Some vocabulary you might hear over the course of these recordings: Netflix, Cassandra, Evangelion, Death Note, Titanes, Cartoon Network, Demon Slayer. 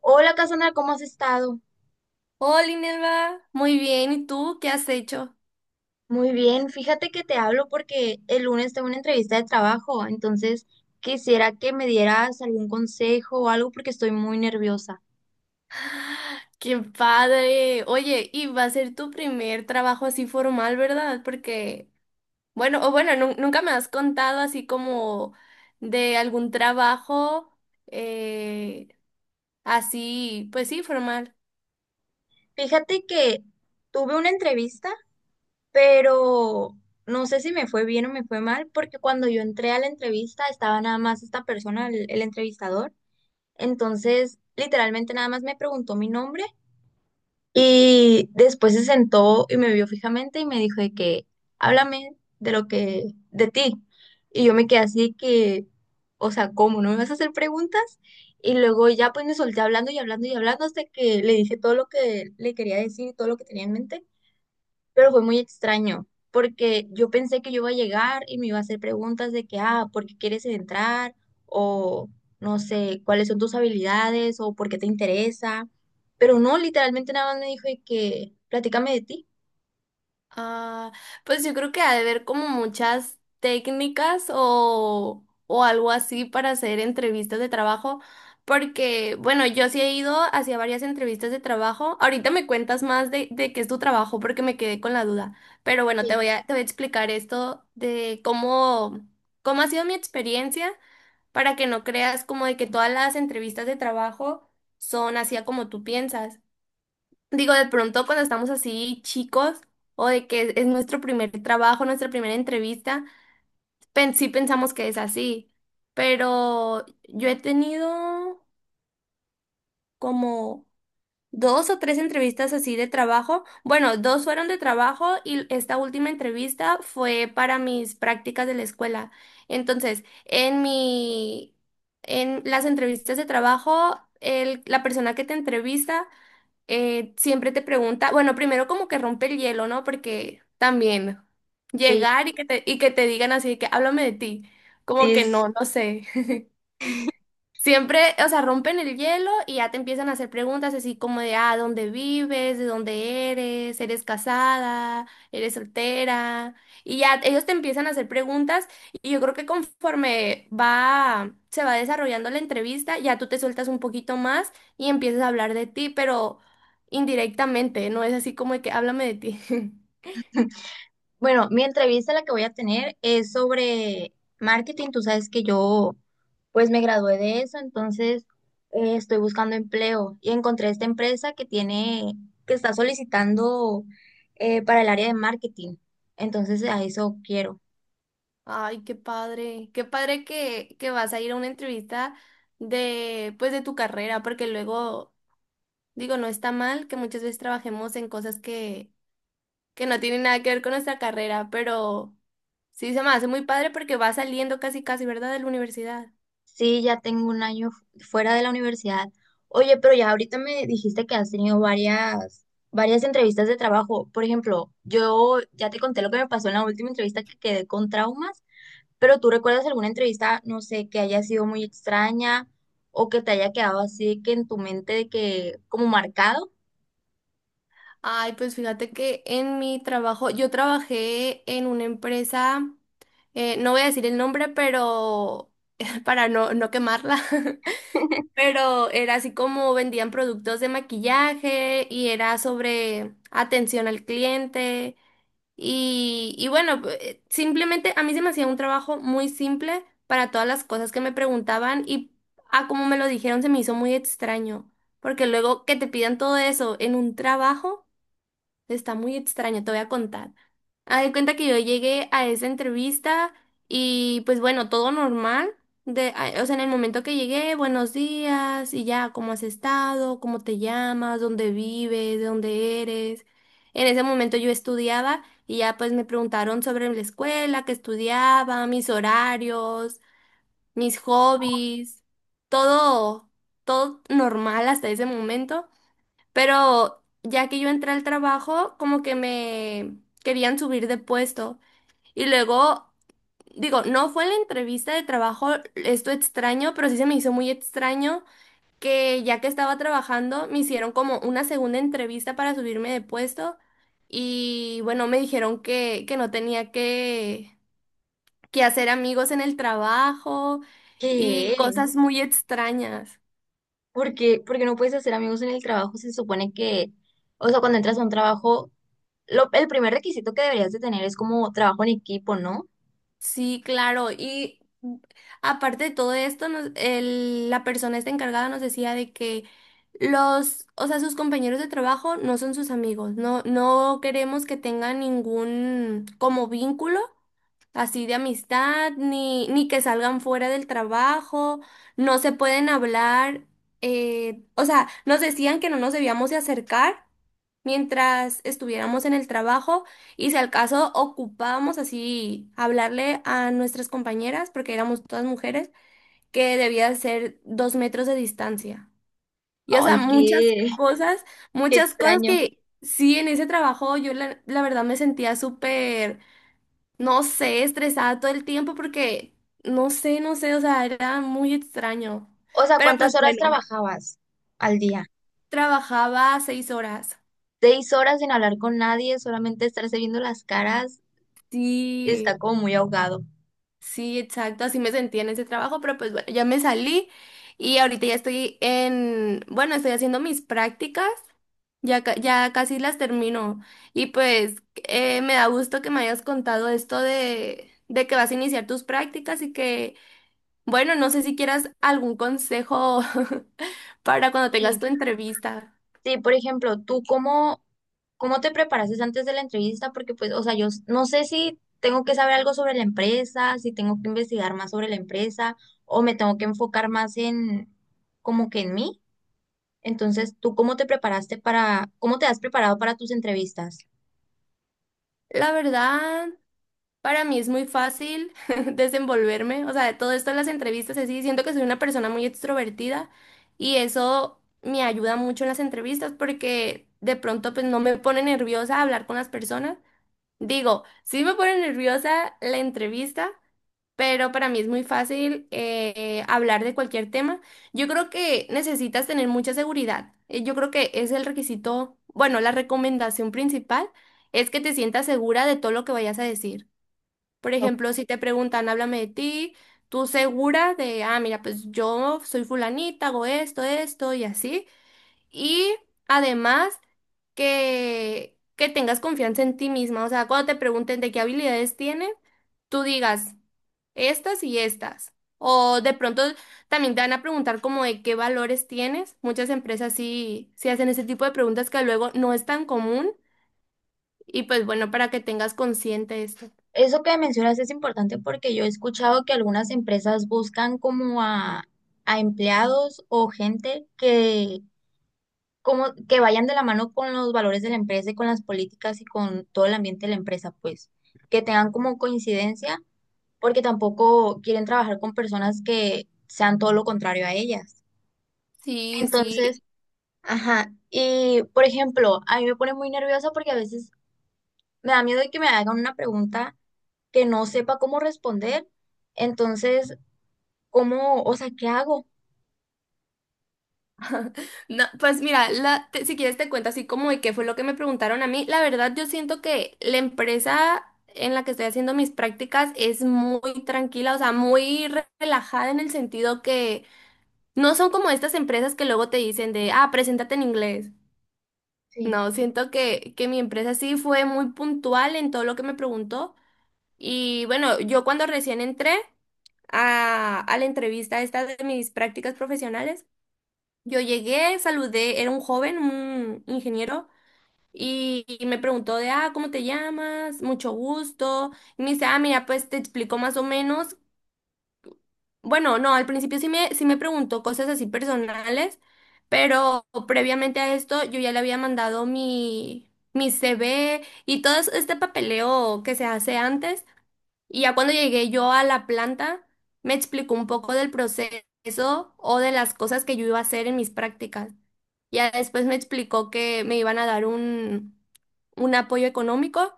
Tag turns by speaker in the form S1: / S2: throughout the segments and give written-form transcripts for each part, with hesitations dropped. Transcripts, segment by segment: S1: Hola, Cassandra, ¿cómo has estado?
S2: Hola, Inelva. Muy bien. ¿Y tú qué has hecho?
S1: Muy bien, fíjate que te hablo porque el lunes tengo una entrevista de trabajo, entonces quisiera que me dieras algún consejo o algo porque estoy muy nerviosa.
S2: ¡Qué padre! Oye, y va a ser tu primer trabajo así formal, ¿verdad? Porque, bueno, o bueno, nunca me has contado así como de algún trabajo eh, así, pues sí, formal.
S1: Fíjate que tuve una entrevista, pero no sé si me fue bien o me fue mal, porque cuando yo entré a la entrevista estaba nada más esta persona, el entrevistador, entonces literalmente nada más me preguntó mi nombre. Y después se sentó y me vio fijamente y me dijo de que, háblame de ti. Y yo me quedé así que, o sea, ¿cómo? ¿No me vas a hacer preguntas? Y luego ya pues me solté hablando y hablando y hablando hasta que le dije todo lo que le quería decir y todo lo que tenía en mente. Pero fue muy extraño, porque yo pensé que yo iba a llegar y me iba a hacer preguntas de que, ah, ¿por qué quieres entrar? O no sé, ¿cuáles son tus habilidades? O ¿por qué te interesa? Pero no, literalmente nada más me dijo de que, platícame de ti.
S2: Ah, pues yo creo que ha de haber como muchas técnicas o algo así para hacer entrevistas de trabajo, porque bueno, yo sí he ido hacia varias entrevistas de trabajo. Ahorita me cuentas más de qué es tu trabajo porque me quedé con la duda, pero bueno,
S1: Sí,
S2: te voy a explicar esto de cómo, cómo ha sido mi experiencia para que no creas como de que todas las entrevistas de trabajo son así a como tú piensas. Digo, de pronto cuando estamos así chicos o de que es nuestro primer trabajo, nuestra primera entrevista, sí pensamos que es así, pero yo he tenido como dos o tres entrevistas así de trabajo. Bueno, dos fueron de trabajo y esta última entrevista fue para mis prácticas de la escuela. Entonces, en las entrevistas de trabajo, la persona que te entrevista siempre te pregunta, bueno, primero como que rompe el hielo, ¿no? Porque también
S1: sí,
S2: llegar y que te digan así, de que háblame de ti, como
S1: sí,
S2: que
S1: es.
S2: no, no sé. Siempre, o sea, rompen el hielo y ya te empiezan a hacer preguntas así como de, ah, ¿dónde vives? ¿De dónde eres? ¿Eres casada? ¿Eres soltera? Y ya ellos te empiezan a hacer preguntas y yo creo que se va desarrollando la entrevista, ya tú te sueltas un poquito más y empiezas a hablar de ti, pero indirectamente, no es así como de que háblame de ti.
S1: Bueno, mi entrevista la que voy a tener es sobre marketing. Tú sabes que yo pues me gradué de eso, entonces estoy buscando empleo y encontré esta empresa que tiene, que está solicitando, para el área de marketing. Entonces a eso quiero.
S2: Ay, qué padre que vas a ir a una entrevista de, pues, de tu carrera, porque luego digo, no está mal que muchas veces trabajemos en cosas que no tienen nada que ver con nuestra carrera, pero sí se me hace muy padre porque va saliendo casi casi, ¿verdad? De la universidad.
S1: Sí, ya tengo un año fuera de la universidad. Oye, pero ya ahorita me dijiste que has tenido varias entrevistas de trabajo. Por ejemplo, yo ya te conté lo que me pasó en la última entrevista que quedé con traumas. Pero tú recuerdas alguna entrevista, no sé, que haya sido muy extraña o que te haya quedado así que en tu mente de que como marcado.
S2: Ay, pues fíjate que en mi trabajo, yo trabajé en una empresa, no voy a decir el nombre, pero para no quemarla. Pero era así como vendían productos de maquillaje y era sobre atención al cliente. Y bueno, simplemente a mí se me hacía un trabajo muy simple para todas las cosas que me preguntaban y a como me lo dijeron se me hizo muy extraño, porque luego que te pidan todo eso en un trabajo está muy extraño, te voy a contar. Haz de cuenta que yo llegué a esa entrevista y pues bueno, todo normal. O sea, en el momento que llegué, buenos días y ya, ¿cómo has estado? ¿Cómo te llamas? ¿Dónde vives? ¿De dónde eres? En ese momento yo estudiaba y ya pues me preguntaron sobre la escuela, que estudiaba, mis horarios, mis hobbies, todo, todo normal hasta ese momento. Pero ya que yo entré al trabajo, como que me querían subir de puesto. Y luego, digo, no fue en la entrevista de trabajo esto extraño, pero sí se me hizo muy extraño que ya que estaba trabajando, me hicieron como una segunda entrevista para subirme de puesto y bueno, me dijeron que no tenía que hacer amigos en el trabajo y
S1: ¿Qué?
S2: cosas muy extrañas.
S1: Porque, porque no puedes hacer amigos en el trabajo, se supone que, o sea, cuando entras a un trabajo, el primer requisito que deberías de tener es como trabajo en equipo, ¿no?
S2: Sí, claro. Y aparte de todo esto, la persona esta encargada nos decía de que los, o sea, sus compañeros de trabajo no son sus amigos. No, no queremos que tengan ningún como vínculo así de amistad, ni que salgan fuera del trabajo, no se pueden hablar, o sea, nos decían que no nos debíamos de acercar mientras estuviéramos en el trabajo y si al caso ocupábamos así hablarle a nuestras compañeras, porque éramos todas mujeres, que debía ser dos metros de distancia. Y o sea,
S1: Ay, qué, qué
S2: muchas cosas
S1: extraño.
S2: que sí, en ese trabajo yo la verdad me sentía súper no sé, estresada todo el tiempo porque, no sé, no sé, o sea, era muy extraño.
S1: O sea,
S2: Pero pues
S1: ¿cuántas horas
S2: bueno,
S1: trabajabas al día?
S2: trabajaba seis horas.
S1: Seis horas sin hablar con nadie, solamente estarse viendo las caras, está
S2: Sí,
S1: como muy ahogado.
S2: sí, exacto, así me sentía en ese trabajo, pero pues bueno, ya me salí y ahorita ya estoy en, bueno, estoy haciendo mis prácticas. Ya, ya casi las termino. Y pues me da gusto que me hayas contado esto de que vas a iniciar tus prácticas y que bueno, no sé si quieras algún consejo para cuando
S1: Y
S2: tengas tu entrevista.
S1: sí, por ejemplo, ¿tú cómo te preparaste antes de la entrevista? Porque pues, o sea, yo no sé si tengo que saber algo sobre la empresa, si tengo que investigar más sobre la empresa o me tengo que enfocar más en como que en mí. Entonces, ¿tú cómo te cómo te has preparado para tus entrevistas?
S2: La verdad, para mí es muy fácil desenvolverme, o sea, de todo esto de las entrevistas, así, siento que soy una persona muy extrovertida y eso me ayuda mucho en las entrevistas porque de pronto pues no me pone nerviosa hablar con las personas. Digo, sí me pone nerviosa la entrevista, pero para mí es muy fácil hablar de cualquier tema. Yo creo que necesitas tener mucha seguridad. Yo creo que es el requisito, bueno, la recomendación principal es que te sientas segura de todo lo que vayas a decir. Por
S1: O-
S2: ejemplo, si te preguntan, háblame de ti, tú segura de, ah, mira, pues yo soy fulanita, hago esto, esto y así. Y además que tengas confianza en ti misma. O sea, cuando te pregunten de qué habilidades tienes, tú digas estas y estas. O de pronto también te van a preguntar como de qué valores tienes. Muchas empresas sí, sí hacen ese tipo de preguntas que luego no es tan común. Y pues bueno, para que tengas consciente esto.
S1: Eso que mencionas es importante porque yo he escuchado que algunas empresas buscan como a empleados o gente que como que vayan de la mano con los valores de la empresa y con las políticas y con todo el ambiente de la empresa, pues, que tengan como coincidencia, porque tampoco quieren trabajar con personas que sean todo lo contrario a ellas.
S2: Sí,
S1: Entonces,
S2: sí.
S1: ajá, y por ejemplo, a mí me pone muy nerviosa porque a veces me da miedo de que me hagan una pregunta que no sepa cómo responder. Entonces, ¿cómo, o sea, qué hago?
S2: No, pues mira, si quieres te cuento así como de qué fue lo que me preguntaron a mí. La verdad, yo siento que la empresa en la que estoy haciendo mis prácticas es muy tranquila, o sea, muy relajada en el sentido que no son como estas empresas que luego te dicen de, ah, preséntate en inglés.
S1: Sí,
S2: No, siento que mi empresa sí fue muy puntual en todo lo que me preguntó. Y bueno, yo cuando recién entré a la entrevista esta de mis prácticas profesionales, yo llegué, saludé, era un joven, un ingeniero, y me preguntó de, ah, ¿cómo te llamas? Mucho gusto. Y me dice, ah, mira, pues te explico más o menos bueno, no, al principio sí me preguntó cosas así personales, pero previamente a esto yo ya le había mandado mi CV y todo este papeleo que se hace antes. Y ya cuando llegué yo a la planta, me explicó un poco del proceso o de las cosas que yo iba a hacer en mis prácticas. Ya después me explicó que me iban a dar un apoyo económico.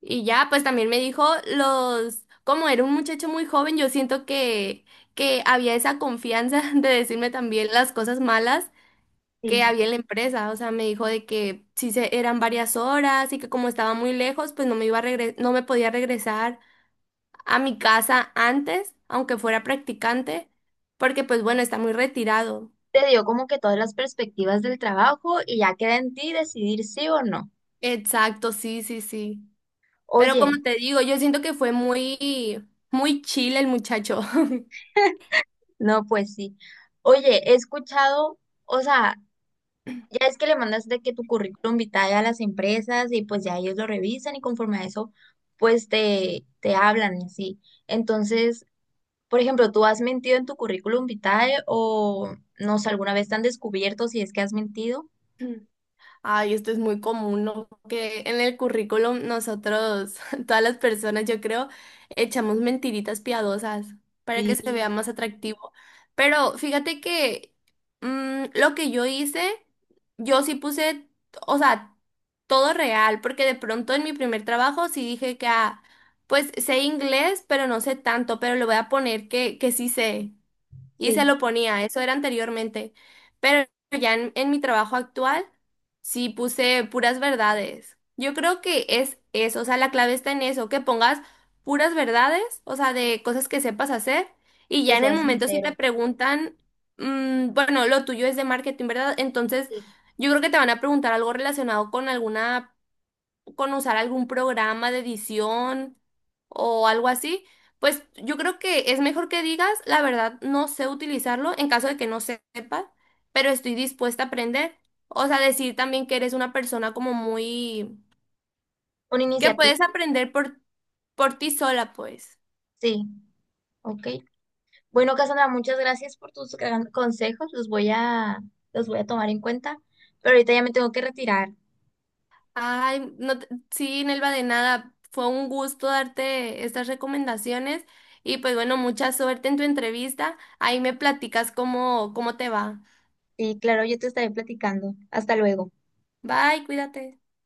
S2: Y ya, pues también me dijo los, como era un muchacho muy joven, yo siento que había esa confianza de decirme también las cosas malas
S1: sí.
S2: que había en la empresa. O sea, me dijo de que si se, eran varias horas y que como estaba muy lejos, pues no me iba a no me podía regresar a mi casa antes, aunque fuera practicante, porque pues bueno, está muy retirado.
S1: Te dio como que todas las perspectivas del trabajo y ya queda en ti decidir sí o no.
S2: Exacto, sí, sí, sí. Pero
S1: Oye,
S2: como te digo, yo siento que fue muy, muy chill el muchacho.
S1: no, pues sí. Oye, he escuchado, o sea, ya es que le mandas de que tu currículum vitae a las empresas y pues ya ellos lo revisan y conforme a eso, pues te hablan y así. Entonces, por ejemplo, ¿tú has mentido en tu currículum vitae o no sé, alguna vez te han descubierto si es que has mentido?
S2: Ay, esto es muy común, ¿no? Que en el currículum nosotros, todas las personas, yo creo, echamos mentiritas piadosas para
S1: Sí,
S2: que se vea más atractivo. Pero fíjate que lo que yo hice, yo sí puse, o sea, todo real, porque de pronto en mi primer trabajo sí dije que, ah, pues sé inglés, pero no sé tanto, pero le voy a poner que sí sé y se
S1: sí,
S2: lo ponía, eso era anteriormente. Pero ya en mi trabajo actual, sí puse puras verdades. Yo creo que es eso, o sea, la clave está en eso, que pongas puras verdades, o sea, de cosas que sepas hacer, y
S1: que
S2: ya en el
S1: sea
S2: momento si te
S1: sincero.
S2: preguntan, bueno, lo tuyo es de marketing, ¿verdad? Entonces,
S1: Sí.
S2: yo creo que te van a preguntar algo relacionado con alguna con usar algún programa de edición o algo así, pues yo creo que es mejor que digas, la verdad, no sé utilizarlo en caso de que no sepas, pero estoy dispuesta a aprender. O sea, decir también que eres una persona como muy...
S1: Una
S2: que
S1: iniciativa,
S2: puedes aprender por ti sola, pues.
S1: sí, ok. Bueno, Cassandra, muchas gracias por tus consejos. Los voy los voy a tomar en cuenta, pero ahorita ya me tengo que retirar.
S2: Ay, no, sí, Nelva, de nada. Fue un gusto darte estas recomendaciones y pues bueno, mucha suerte en tu entrevista. Ahí me platicas cómo, cómo te va.
S1: Y claro, yo te estaré platicando. Hasta luego.
S2: Bye, cuídate.